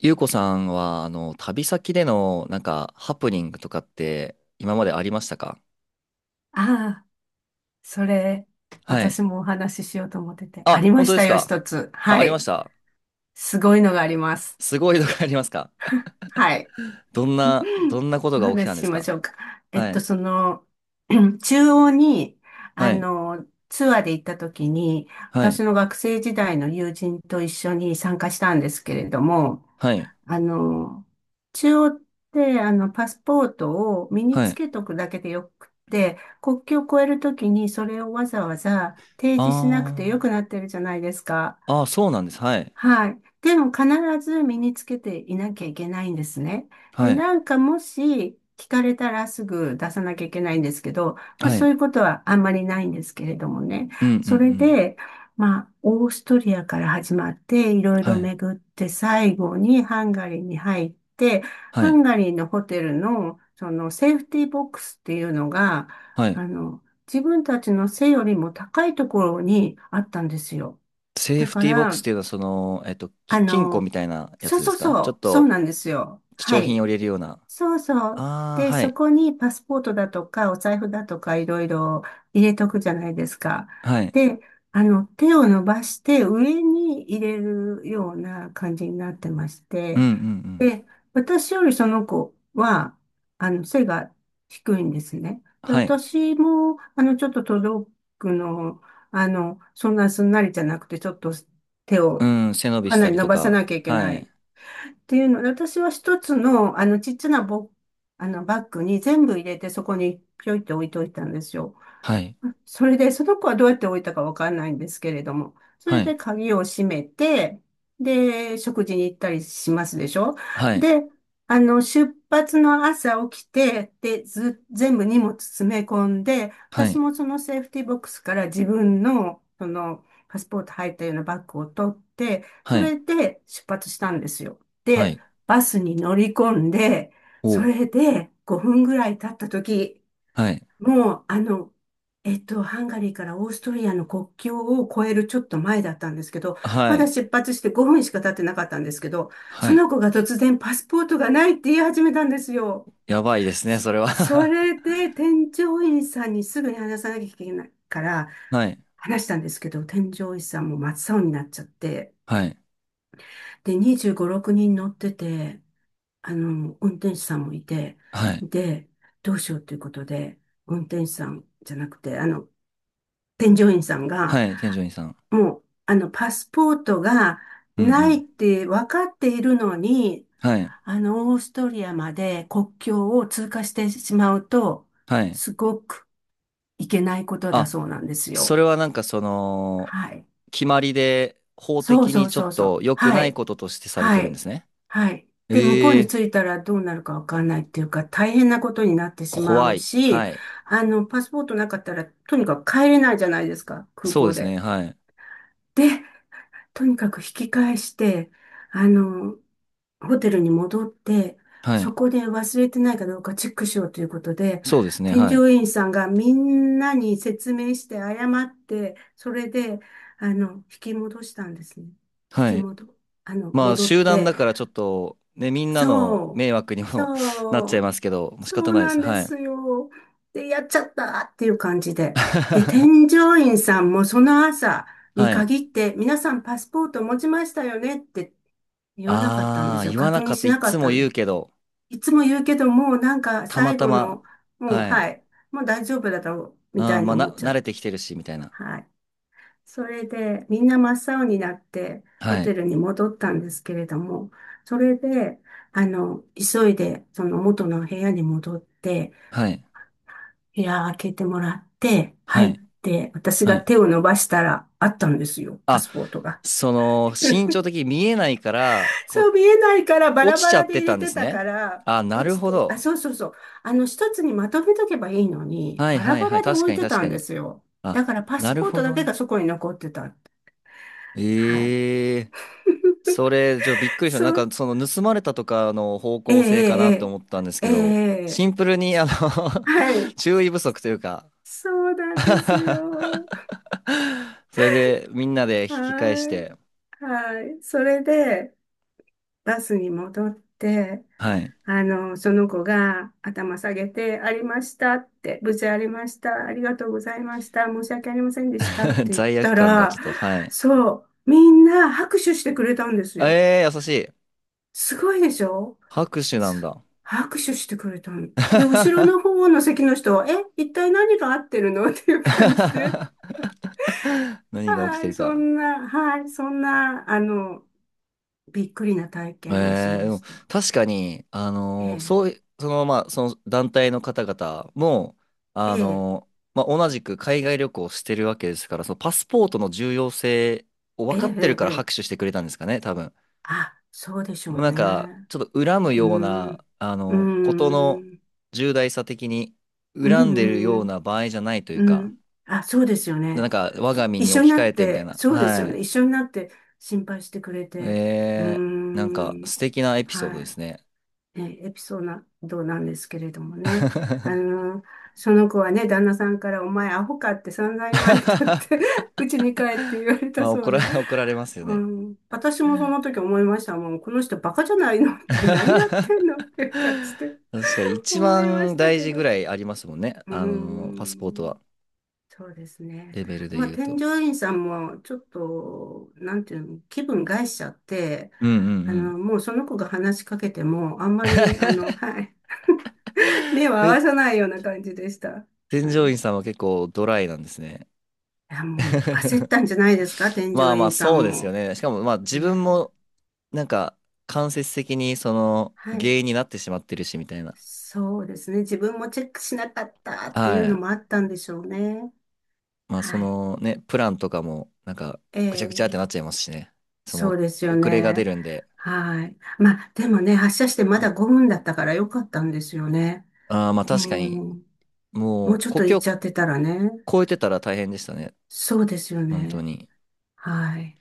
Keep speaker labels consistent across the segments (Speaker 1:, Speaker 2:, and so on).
Speaker 1: ゆうこさんは、旅先での、ハプニングとかって、今までありましたか？
Speaker 2: ああ、それ、
Speaker 1: はい。
Speaker 2: 私もお話ししようと思ってて。あ
Speaker 1: あ、
Speaker 2: りま
Speaker 1: 本当
Speaker 2: し
Speaker 1: で
Speaker 2: た
Speaker 1: す
Speaker 2: よ、
Speaker 1: か？
Speaker 2: 一つ。
Speaker 1: あ、
Speaker 2: は
Speaker 1: ありまし
Speaker 2: い。
Speaker 1: た。
Speaker 2: すごいのがあります。
Speaker 1: すごいのがありますか？
Speaker 2: はい。
Speaker 1: どんな、ど んなこと
Speaker 2: お
Speaker 1: が起きた
Speaker 2: 話
Speaker 1: ん
Speaker 2: し
Speaker 1: で
Speaker 2: し
Speaker 1: す
Speaker 2: まし
Speaker 1: か？
Speaker 2: ょうか。え
Speaker 1: は
Speaker 2: っと、
Speaker 1: い。
Speaker 2: その、中央に、
Speaker 1: はい。
Speaker 2: ツアーで行った時に、
Speaker 1: は
Speaker 2: 私
Speaker 1: い。
Speaker 2: の学生時代の友人と一緒に参加したんですけれども、
Speaker 1: はい。
Speaker 2: あの、中央って、パスポートを身に
Speaker 1: は
Speaker 2: つ
Speaker 1: い。
Speaker 2: けとくだけでよくって、国境を越えるときにそれをわざわざ提示しなく
Speaker 1: あ
Speaker 2: てよ
Speaker 1: ー。
Speaker 2: くなってるじゃないですか。
Speaker 1: あー、そうなんです。はい。
Speaker 2: はい。でも必ず身につけていなきゃいけないんですね。で、
Speaker 1: はい。
Speaker 2: なんかもし聞かれたらすぐ出さなきゃいけないんですけど、まあ、
Speaker 1: は
Speaker 2: そ
Speaker 1: い。
Speaker 2: ういうことはあんまりないんですけれどもね。
Speaker 1: うんうんう
Speaker 2: それ
Speaker 1: ん。
Speaker 2: で、まあ、オーストリアから始まって、いろい
Speaker 1: は
Speaker 2: ろ
Speaker 1: い。
Speaker 2: 巡って、最後にハンガリーに入って、
Speaker 1: は
Speaker 2: ハ
Speaker 1: い。
Speaker 2: ンガリーのホテルの、そのセーフティーボックスっていうのが、
Speaker 1: はい。
Speaker 2: 自分たちの背よりも高いところにあったんですよ。
Speaker 1: セー
Speaker 2: だ
Speaker 1: フ
Speaker 2: か
Speaker 1: ティーボックスっ
Speaker 2: ら、
Speaker 1: ていうのは、
Speaker 2: あ
Speaker 1: 金庫み
Speaker 2: の、
Speaker 1: たいなや
Speaker 2: そう
Speaker 1: つで
Speaker 2: そう
Speaker 1: すか？ちょっ
Speaker 2: そう、そう
Speaker 1: と、
Speaker 2: なんですよ。
Speaker 1: 貴重
Speaker 2: は
Speaker 1: 品
Speaker 2: い。
Speaker 1: を入れるような。
Speaker 2: そうそう。
Speaker 1: あー、
Speaker 2: で、
Speaker 1: は
Speaker 2: そ
Speaker 1: い。
Speaker 2: こにパスポートだとか、お財布だとか、いろいろ入れとくじゃないですか。
Speaker 1: はい。
Speaker 2: で、手を伸ばして上に入れるような感じになってまし
Speaker 1: うんう
Speaker 2: て、
Speaker 1: んうん。
Speaker 2: で、私よりその子は、背が低いんですね。で、
Speaker 1: はい。
Speaker 2: 私も、ちょっと届くの、そんなすんなりじゃなくて、ちょっと手
Speaker 1: う
Speaker 2: を
Speaker 1: ん、背伸び
Speaker 2: か
Speaker 1: し
Speaker 2: な
Speaker 1: た
Speaker 2: り
Speaker 1: り
Speaker 2: 伸
Speaker 1: と
Speaker 2: ばさ
Speaker 1: か。
Speaker 2: なきゃいけ
Speaker 1: は
Speaker 2: ない
Speaker 1: い。
Speaker 2: っていうので、私は一つの、あの、ちっちゃなボ、あの、バッグに全部入れて、そこにぴょいって置いといたんですよ。
Speaker 1: はい。
Speaker 2: それで、その子はどうやって置いたかわかんないんですけれども、そ
Speaker 1: は
Speaker 2: れで
Speaker 1: い。
Speaker 2: 鍵を閉めて、で、食事に行ったりしますでしょ
Speaker 1: はい。
Speaker 2: で、出発の朝起きて、で、ず、全部荷物詰め込んで、
Speaker 1: は
Speaker 2: 私
Speaker 1: い。
Speaker 2: もそのセーフティーボックスから自分の、その、パスポート入ったようなバッグを取って、
Speaker 1: は
Speaker 2: そ
Speaker 1: い。
Speaker 2: れで出発したんですよ。
Speaker 1: は
Speaker 2: で、
Speaker 1: い。
Speaker 2: バスに乗り込んで、
Speaker 1: お
Speaker 2: そ
Speaker 1: う。
Speaker 2: れで5分ぐらい経った時
Speaker 1: はい。
Speaker 2: もう、ハンガリーからオーストリアの国境を越えるちょっと前だったんですけど、
Speaker 1: は
Speaker 2: まだ
Speaker 1: い。
Speaker 2: 出発して5分しか経ってなかったんですけど、
Speaker 1: は
Speaker 2: そ
Speaker 1: い。
Speaker 2: の子が突然パスポートがないって言い始めたんですよ。
Speaker 1: やばいですね、
Speaker 2: そ
Speaker 1: それは。
Speaker 2: そ れで添乗員さんにすぐに話さなきゃいけないから、
Speaker 1: はい。
Speaker 2: 話したんですけど、添乗員さんも真っ青になっちゃって、
Speaker 1: はい。
Speaker 2: で、25、6人乗ってて、運転手さんもいて、
Speaker 1: はい。
Speaker 2: で、どうしようということで、運転手さんじゃなくて、添乗員さんが、
Speaker 1: はい。添乗員さん。
Speaker 2: もう、パスポートが
Speaker 1: うんう
Speaker 2: ない
Speaker 1: ん。
Speaker 2: って分かっているのに、
Speaker 1: はい。
Speaker 2: オーストリアまで国境を通過してしまうと、
Speaker 1: はい。
Speaker 2: すごくいけないことだ
Speaker 1: あ、
Speaker 2: そうなんです
Speaker 1: そ
Speaker 2: よ。
Speaker 1: れは
Speaker 2: はい。
Speaker 1: 決まりで法
Speaker 2: そう
Speaker 1: 的
Speaker 2: そ
Speaker 1: に
Speaker 2: う
Speaker 1: ちょ
Speaker 2: そ
Speaker 1: っ
Speaker 2: うそう。
Speaker 1: と良く
Speaker 2: は
Speaker 1: ない
Speaker 2: い。
Speaker 1: こととしてされて
Speaker 2: は
Speaker 1: るんで
Speaker 2: い。
Speaker 1: すね。
Speaker 2: はい。で、向こう
Speaker 1: ええ
Speaker 2: に
Speaker 1: ー、
Speaker 2: 着いたらどうなるかわかんないっていうか、大変なことになってしま
Speaker 1: 怖
Speaker 2: う
Speaker 1: い。
Speaker 2: し、
Speaker 1: はい。
Speaker 2: パスポートなかったら、とにかく帰れないじゃないですか、空
Speaker 1: そうで
Speaker 2: 港
Speaker 1: す
Speaker 2: で。
Speaker 1: ね。はい。
Speaker 2: で、とにかく引き返して、あの、ホテルに戻って、
Speaker 1: は
Speaker 2: そ
Speaker 1: い。
Speaker 2: こで忘れてないかどうかチェックしようということで、
Speaker 1: そうですね。
Speaker 2: 添
Speaker 1: はい。
Speaker 2: 乗員さんがみんなに説明して謝って、それで、引き戻したんですね。引
Speaker 1: は
Speaker 2: き
Speaker 1: い。
Speaker 2: 戻、あの、
Speaker 1: まあ
Speaker 2: 戻っ
Speaker 1: 集団
Speaker 2: て、
Speaker 1: だからちょっとね、みんなの
Speaker 2: そう、
Speaker 1: 迷惑にも なっちゃ
Speaker 2: そ
Speaker 1: い
Speaker 2: う、
Speaker 1: ますけど、もう仕
Speaker 2: そ
Speaker 1: 方
Speaker 2: う
Speaker 1: ないで
Speaker 2: なん
Speaker 1: す。
Speaker 2: で
Speaker 1: はい。
Speaker 2: すよ。で、やっちゃったっていう感じで。で、添 乗員さんもその朝に
Speaker 1: はい。
Speaker 2: 限って、皆さんパスポート持ちましたよねって言わなかったんで
Speaker 1: ああ、
Speaker 2: すよ。
Speaker 1: 言わ
Speaker 2: 確
Speaker 1: なか
Speaker 2: 認
Speaker 1: った。
Speaker 2: し
Speaker 1: い
Speaker 2: なか
Speaker 1: つ
Speaker 2: っ
Speaker 1: も
Speaker 2: た
Speaker 1: 言う
Speaker 2: す
Speaker 1: けど、
Speaker 2: いつも言うけど、もうなんか
Speaker 1: たま
Speaker 2: 最
Speaker 1: た
Speaker 2: 後
Speaker 1: ま。
Speaker 2: の、もう
Speaker 1: は
Speaker 2: は
Speaker 1: い。
Speaker 2: い、もう大丈夫だろうみ
Speaker 1: あ
Speaker 2: た
Speaker 1: ー、
Speaker 2: いに
Speaker 1: まあ
Speaker 2: 思っ
Speaker 1: な、
Speaker 2: ちゃ
Speaker 1: 慣
Speaker 2: っ
Speaker 1: れ
Speaker 2: て。
Speaker 1: てきてるし、みたいな。
Speaker 2: はい。それで、みんな真っ青になって、ホ
Speaker 1: はい。
Speaker 2: テルに戻ったんですけれども、それで、急いで、その元の部屋に戻って、
Speaker 1: はい。
Speaker 2: 部屋開けてもらって、
Speaker 1: は
Speaker 2: 入っ
Speaker 1: い。
Speaker 2: て、私
Speaker 1: は
Speaker 2: が
Speaker 1: い。
Speaker 2: 手を伸ばしたら、あったんですよ、パ
Speaker 1: あ、
Speaker 2: スポートが。
Speaker 1: 身長的に見えないから、こ
Speaker 2: そ
Speaker 1: う、
Speaker 2: う見えないから、バラ
Speaker 1: 落ち
Speaker 2: バ
Speaker 1: ちゃ
Speaker 2: ラ
Speaker 1: っ
Speaker 2: で
Speaker 1: て
Speaker 2: 入
Speaker 1: た
Speaker 2: れ
Speaker 1: んで
Speaker 2: て
Speaker 1: す
Speaker 2: たか
Speaker 1: ね。
Speaker 2: ら、
Speaker 1: あ、な
Speaker 2: 落
Speaker 1: る
Speaker 2: ち
Speaker 1: ほ
Speaker 2: てる、あ、
Speaker 1: ど。
Speaker 2: そうそうそう。一つにまとめとけばいいのに、
Speaker 1: はい
Speaker 2: バラ
Speaker 1: はい
Speaker 2: バ
Speaker 1: はい。
Speaker 2: ラで
Speaker 1: 確
Speaker 2: 置
Speaker 1: か
Speaker 2: い
Speaker 1: に
Speaker 2: て
Speaker 1: 確
Speaker 2: た
Speaker 1: か
Speaker 2: んで
Speaker 1: に。
Speaker 2: すよ。
Speaker 1: あ、
Speaker 2: だから、パス
Speaker 1: なる
Speaker 2: ポー
Speaker 1: ほ
Speaker 2: トだ
Speaker 1: ど
Speaker 2: け
Speaker 1: ね。
Speaker 2: がそこに残ってた。はい。
Speaker 1: ええ、それ、びっくりした。
Speaker 2: そう。
Speaker 1: 盗まれたとかの方
Speaker 2: え
Speaker 1: 向性かなって
Speaker 2: え、
Speaker 1: 思ったんです
Speaker 2: ええ、ええ、
Speaker 1: けど、
Speaker 2: え
Speaker 1: シン
Speaker 2: え
Speaker 1: プルに、
Speaker 2: はい。
Speaker 1: 注意不足というか。
Speaker 2: そうなんです よ。
Speaker 1: それで、みんなで引き返し
Speaker 2: はい。
Speaker 1: て、
Speaker 2: はい。それで、バスに戻って、
Speaker 1: はい。
Speaker 2: その子が頭下げて、ありましたって、無事ありました、ありがとうございました、申し訳ありませんでしたっ て言っ
Speaker 1: 罪悪
Speaker 2: た
Speaker 1: 感が
Speaker 2: ら、
Speaker 1: ちょっと、はい。
Speaker 2: そう、みんな拍手してくれたんですよ。
Speaker 1: えー、優しい。
Speaker 2: すごいでしょ
Speaker 1: 拍手なんだ。
Speaker 2: 拍手してくれたの。で、後ろの方の席の人は、え、一体何が合ってるのっていう感じで。
Speaker 1: 何が起き
Speaker 2: は
Speaker 1: て
Speaker 2: い、
Speaker 1: る
Speaker 2: そ
Speaker 1: か。
Speaker 2: んな、はい、そんな、びっくりな体験をし
Speaker 1: えー、
Speaker 2: ま
Speaker 1: でも
Speaker 2: した。
Speaker 1: 確かに、
Speaker 2: ええ、
Speaker 1: そうい、まあ、その団体の方々も、
Speaker 2: え
Speaker 1: あ
Speaker 2: え、
Speaker 1: のまあ、同じく海外旅行をしてるわけですから、そのパスポートの重要性を
Speaker 2: え
Speaker 1: 分かってる
Speaker 2: え、
Speaker 1: か
Speaker 2: え
Speaker 1: ら
Speaker 2: え。
Speaker 1: 拍手してくれたんですかね、多分。
Speaker 2: あ、そうでしょ
Speaker 1: も
Speaker 2: う
Speaker 1: う
Speaker 2: ね。
Speaker 1: ちょっと恨む
Speaker 2: うー
Speaker 1: ような、
Speaker 2: ん、うー
Speaker 1: ことの
Speaker 2: ん、
Speaker 1: 重大さ的に、
Speaker 2: う
Speaker 1: 恨んでるよ
Speaker 2: ん、
Speaker 1: う
Speaker 2: うん、
Speaker 1: な場合じゃないという
Speaker 2: うん。う
Speaker 1: か、
Speaker 2: んあ、そうですよね。
Speaker 1: 我が身
Speaker 2: 一
Speaker 1: に
Speaker 2: 緒に
Speaker 1: 置き
Speaker 2: な
Speaker 1: 換
Speaker 2: っ
Speaker 1: えてみたい
Speaker 2: て、
Speaker 1: な。
Speaker 2: そうです
Speaker 1: は
Speaker 2: よ
Speaker 1: い。
Speaker 2: ね。一緒になって心配してくれて。うー
Speaker 1: えー、
Speaker 2: ん、
Speaker 1: 素敵なエピソードで
Speaker 2: は
Speaker 1: すね。
Speaker 2: い。ねエピソードなんですけれどもね。あ の、その子はね、旦那さんから、お前アホかって散々言われたって うちに帰って言われた
Speaker 1: まあ、
Speaker 2: そうで。
Speaker 1: 怒られますよ
Speaker 2: う
Speaker 1: ね。
Speaker 2: ん、私もその時思いました。もう、この人バカじゃないのって 何やってんのって感じで
Speaker 1: 確かに一
Speaker 2: 思いまし
Speaker 1: 番
Speaker 2: た
Speaker 1: 大
Speaker 2: け
Speaker 1: 事ぐ
Speaker 2: ど。
Speaker 1: らいありますもんね。
Speaker 2: うー
Speaker 1: あの、パスポート
Speaker 2: ん、
Speaker 1: は。
Speaker 2: そうですね。
Speaker 1: レベルで
Speaker 2: まあ、
Speaker 1: 言う
Speaker 2: 添
Speaker 1: と。
Speaker 2: 乗員さんも、ちょっと、なんていうの、気分害しちゃって、
Speaker 1: うんうん
Speaker 2: もうその子が話しかけても、あんまり、はい、目を
Speaker 1: う
Speaker 2: 合
Speaker 1: ん。
Speaker 2: わ
Speaker 1: で、
Speaker 2: さないような感じでした。
Speaker 1: 添
Speaker 2: は
Speaker 1: 乗
Speaker 2: い。い
Speaker 1: 員さんは結構ドライなんですね。
Speaker 2: や、もう焦っ たんじゃないですか、添
Speaker 1: ま
Speaker 2: 乗
Speaker 1: あまあ、
Speaker 2: 員さ
Speaker 1: そう
Speaker 2: ん
Speaker 1: ですよ
Speaker 2: も。
Speaker 1: ね。しかも、まあ自分
Speaker 2: ね。
Speaker 1: も、なんか、間接的にその
Speaker 2: は
Speaker 1: 原
Speaker 2: い。
Speaker 1: 因になってしまってるし、みたいな。
Speaker 2: そうですね。自分もチェックしなかったって
Speaker 1: は
Speaker 2: いうの
Speaker 1: い。
Speaker 2: もあったんでしょうね。
Speaker 1: まあ、
Speaker 2: はい。
Speaker 1: プランとかも、
Speaker 2: え
Speaker 1: ぐちゃぐちゃってなっ
Speaker 2: え、
Speaker 1: ちゃいますしね。そ
Speaker 2: そう
Speaker 1: の、
Speaker 2: ですよ
Speaker 1: 遅れが出
Speaker 2: ね。
Speaker 1: るんで。
Speaker 2: はい。まあ、でもね、発車してまだ5分だったからよかったんですよね。
Speaker 1: ああ、まあ確かに、
Speaker 2: もう、も
Speaker 1: も
Speaker 2: う
Speaker 1: う、
Speaker 2: ちょっ
Speaker 1: 故
Speaker 2: と行っ
Speaker 1: 郷
Speaker 2: ちゃってたらね。
Speaker 1: 超えてたら大変でしたね。
Speaker 2: そうですよ
Speaker 1: 本当
Speaker 2: ね。
Speaker 1: に。
Speaker 2: はい。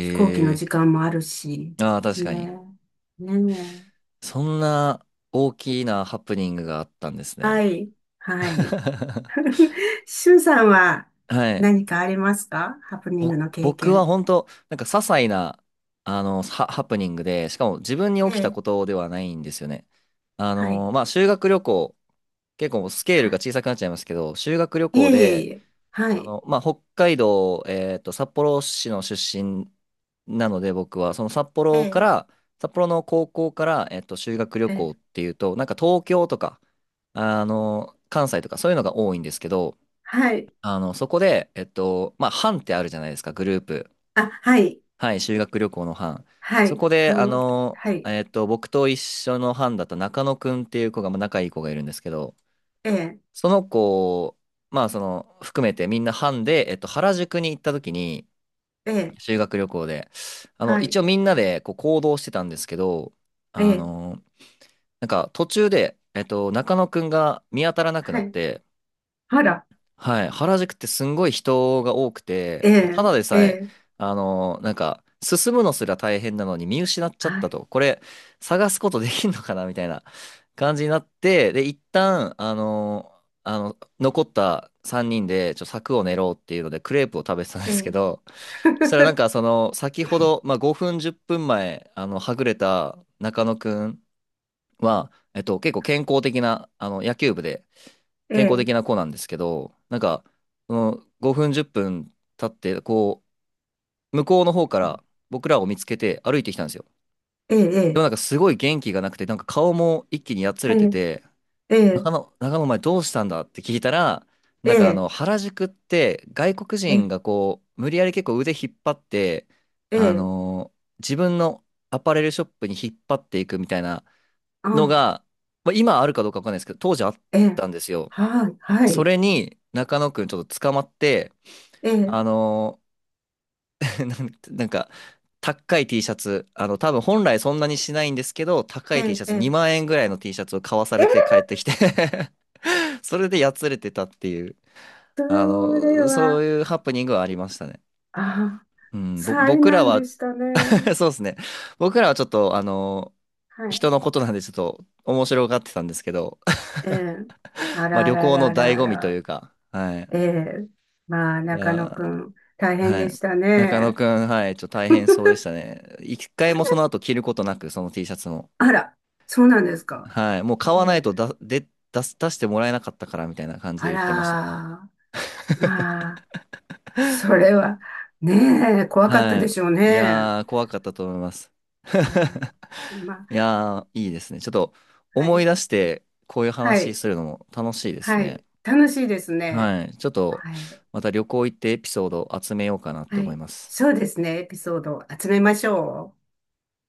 Speaker 2: 飛行機の
Speaker 1: え
Speaker 2: 時間もあるし。
Speaker 1: ー、ああ、確かに。
Speaker 2: ね。ねえ。
Speaker 1: そんな大きなハプニングがあったんです
Speaker 2: は
Speaker 1: ね。
Speaker 2: い。はい。シュンさんは
Speaker 1: はい。
Speaker 2: 何かありますかハプニングの経
Speaker 1: 僕は
Speaker 2: 験。
Speaker 1: 本当、些細な、ハプニングで、しかも自分に起
Speaker 2: え
Speaker 1: きた
Speaker 2: え。
Speaker 1: ことではないんですよね。
Speaker 2: はい。
Speaker 1: まあ、修学旅行、結構スケールが
Speaker 2: は
Speaker 1: 小さくなっちゃいますけど、修学旅
Speaker 2: い。い
Speaker 1: 行
Speaker 2: えいえい
Speaker 1: で、
Speaker 2: え。はい。
Speaker 1: まあ、北海道、札幌市の出身なので、僕は、その札
Speaker 2: え
Speaker 1: 幌か
Speaker 2: え。
Speaker 1: ら、札幌の高校から、修学旅
Speaker 2: え
Speaker 1: 行っ
Speaker 2: え。
Speaker 1: ていうと、東京とか、関西とか、そういうのが多いんですけど、
Speaker 2: はい。
Speaker 1: そこで、まあ、班ってあるじゃないですか、グループ。
Speaker 2: あ、はい。
Speaker 1: はい、修学旅行の班。
Speaker 2: は
Speaker 1: そ
Speaker 2: い。
Speaker 1: こ
Speaker 2: は
Speaker 1: で、
Speaker 2: んわけ。はい。
Speaker 1: 僕と一緒の班だった中野くんっていう子が、まあ仲いい子がいるんですけど、
Speaker 2: ええ。
Speaker 1: その子、まあ含めてみんな班で、原宿に行った時に、
Speaker 2: ええ。
Speaker 1: 修学旅行で、
Speaker 2: は
Speaker 1: 一
Speaker 2: い。
Speaker 1: 応みんなでこう行動してたんですけど、
Speaker 2: え
Speaker 1: あ
Speaker 2: え。
Speaker 1: の、途中で、中野くんが見当たらなく
Speaker 2: は
Speaker 1: なっ
Speaker 2: い。
Speaker 1: て、
Speaker 2: あら。
Speaker 1: はい、原宿ってすんごい人が多く
Speaker 2: え
Speaker 1: て、た
Speaker 2: え。
Speaker 1: だで
Speaker 2: え
Speaker 1: さえ、
Speaker 2: え。
Speaker 1: 進むのすら大変なのに見失っちゃっ
Speaker 2: は
Speaker 1: た
Speaker 2: い。
Speaker 1: と、これ、探すことできんのかなみたいな感じになって、で、一旦、残った3人で、柵を練ろうっていうので、クレープを食べてたんで
Speaker 2: え
Speaker 1: すけ
Speaker 2: え。
Speaker 1: ど、そしたら先ほど、まあ、5分、10分前、はぐれた中野くんは、結構健康的な、野球部で、
Speaker 2: え
Speaker 1: 健康
Speaker 2: え。
Speaker 1: 的な子なんですけど、その5分、10分経って、こう、向こうの方から僕らを見つけて歩いてきたんですよ。
Speaker 2: ええ。え
Speaker 1: でも
Speaker 2: え。
Speaker 1: すごい元気がなくて、顔も一気にやつ
Speaker 2: は
Speaker 1: れて
Speaker 2: い。
Speaker 1: て、
Speaker 2: え
Speaker 1: 中
Speaker 2: え。
Speaker 1: 野、中野お前どうしたんだって聞いたら、
Speaker 2: ええ。
Speaker 1: 原宿って外国
Speaker 2: え
Speaker 1: 人
Speaker 2: え。
Speaker 1: がこう、無理やり結構腕引っ張って、
Speaker 2: え
Speaker 1: あ
Speaker 2: え。
Speaker 1: のー自分のアパレルショップに引っ張っていくみたいな
Speaker 2: あ、
Speaker 1: のが、まあ、今あるかどうかわかんないですけど、当時あっ
Speaker 2: ええ。
Speaker 1: たんですよ。
Speaker 2: はい。は
Speaker 1: そ
Speaker 2: い。
Speaker 1: れに中野くんちょっと捕まって、
Speaker 2: ええ。
Speaker 1: あのー なんなんか、高い T シャツ、多分本来そんなにしないんですけど、高
Speaker 2: え
Speaker 1: い T シ
Speaker 2: え。
Speaker 1: ャツ、
Speaker 2: ええ。
Speaker 1: 2万円ぐらいの T シャツを買わさ
Speaker 2: え
Speaker 1: れて帰
Speaker 2: え
Speaker 1: ってきて。 それでやつれてたっていう、
Speaker 2: それ
Speaker 1: そ
Speaker 2: は、
Speaker 1: ういうハプニングはありましたね。
Speaker 2: あ、
Speaker 1: うん、
Speaker 2: 災
Speaker 1: 僕ら
Speaker 2: 難で
Speaker 1: は。
Speaker 2: したね。
Speaker 1: そうですね。僕らはちょっと、あの
Speaker 2: はい。
Speaker 1: 人のことなんでちょっと面白がってたんですけど、
Speaker 2: ええ。あ
Speaker 1: まあ
Speaker 2: ら
Speaker 1: 旅
Speaker 2: ら
Speaker 1: 行の
Speaker 2: ら
Speaker 1: 醍
Speaker 2: ら
Speaker 1: 醐味とい
Speaker 2: ら。
Speaker 1: うか、はい。
Speaker 2: ええ。まあ、
Speaker 1: い
Speaker 2: 中野く
Speaker 1: や
Speaker 2: ん、大
Speaker 1: ー、
Speaker 2: 変
Speaker 1: は
Speaker 2: でし
Speaker 1: い。
Speaker 2: た
Speaker 1: 中野
Speaker 2: ね。
Speaker 1: くん、はい、ちょっと大変そうでしたね。一回もその後着ることなく、その T シャツも。
Speaker 2: あら、そうなんですか。
Speaker 1: はい。もう
Speaker 2: え
Speaker 1: 買わないと
Speaker 2: え。
Speaker 1: だ、で、出してもらえなかったからみたいな感じで
Speaker 2: あ
Speaker 1: 言ってました。
Speaker 2: ら、まあ、それは、ねえ、怖かった
Speaker 1: は
Speaker 2: でしょう
Speaker 1: い。い
Speaker 2: ね。
Speaker 1: やー、怖かったと思います。
Speaker 2: え え。まあ、
Speaker 1: いやー、いいですね。ちょっと
Speaker 2: は
Speaker 1: 思い
Speaker 2: い。
Speaker 1: 出して、こういう
Speaker 2: は
Speaker 1: 話
Speaker 2: い。
Speaker 1: するのも楽しいです
Speaker 2: はい。
Speaker 1: ね。
Speaker 2: 楽しいですね。
Speaker 1: はい。ちょっと、
Speaker 2: はい。
Speaker 1: また旅行行ってエピソード集めようかなって
Speaker 2: は
Speaker 1: 思い
Speaker 2: い。
Speaker 1: ます。
Speaker 2: そうですね。エピソードを集めましょう。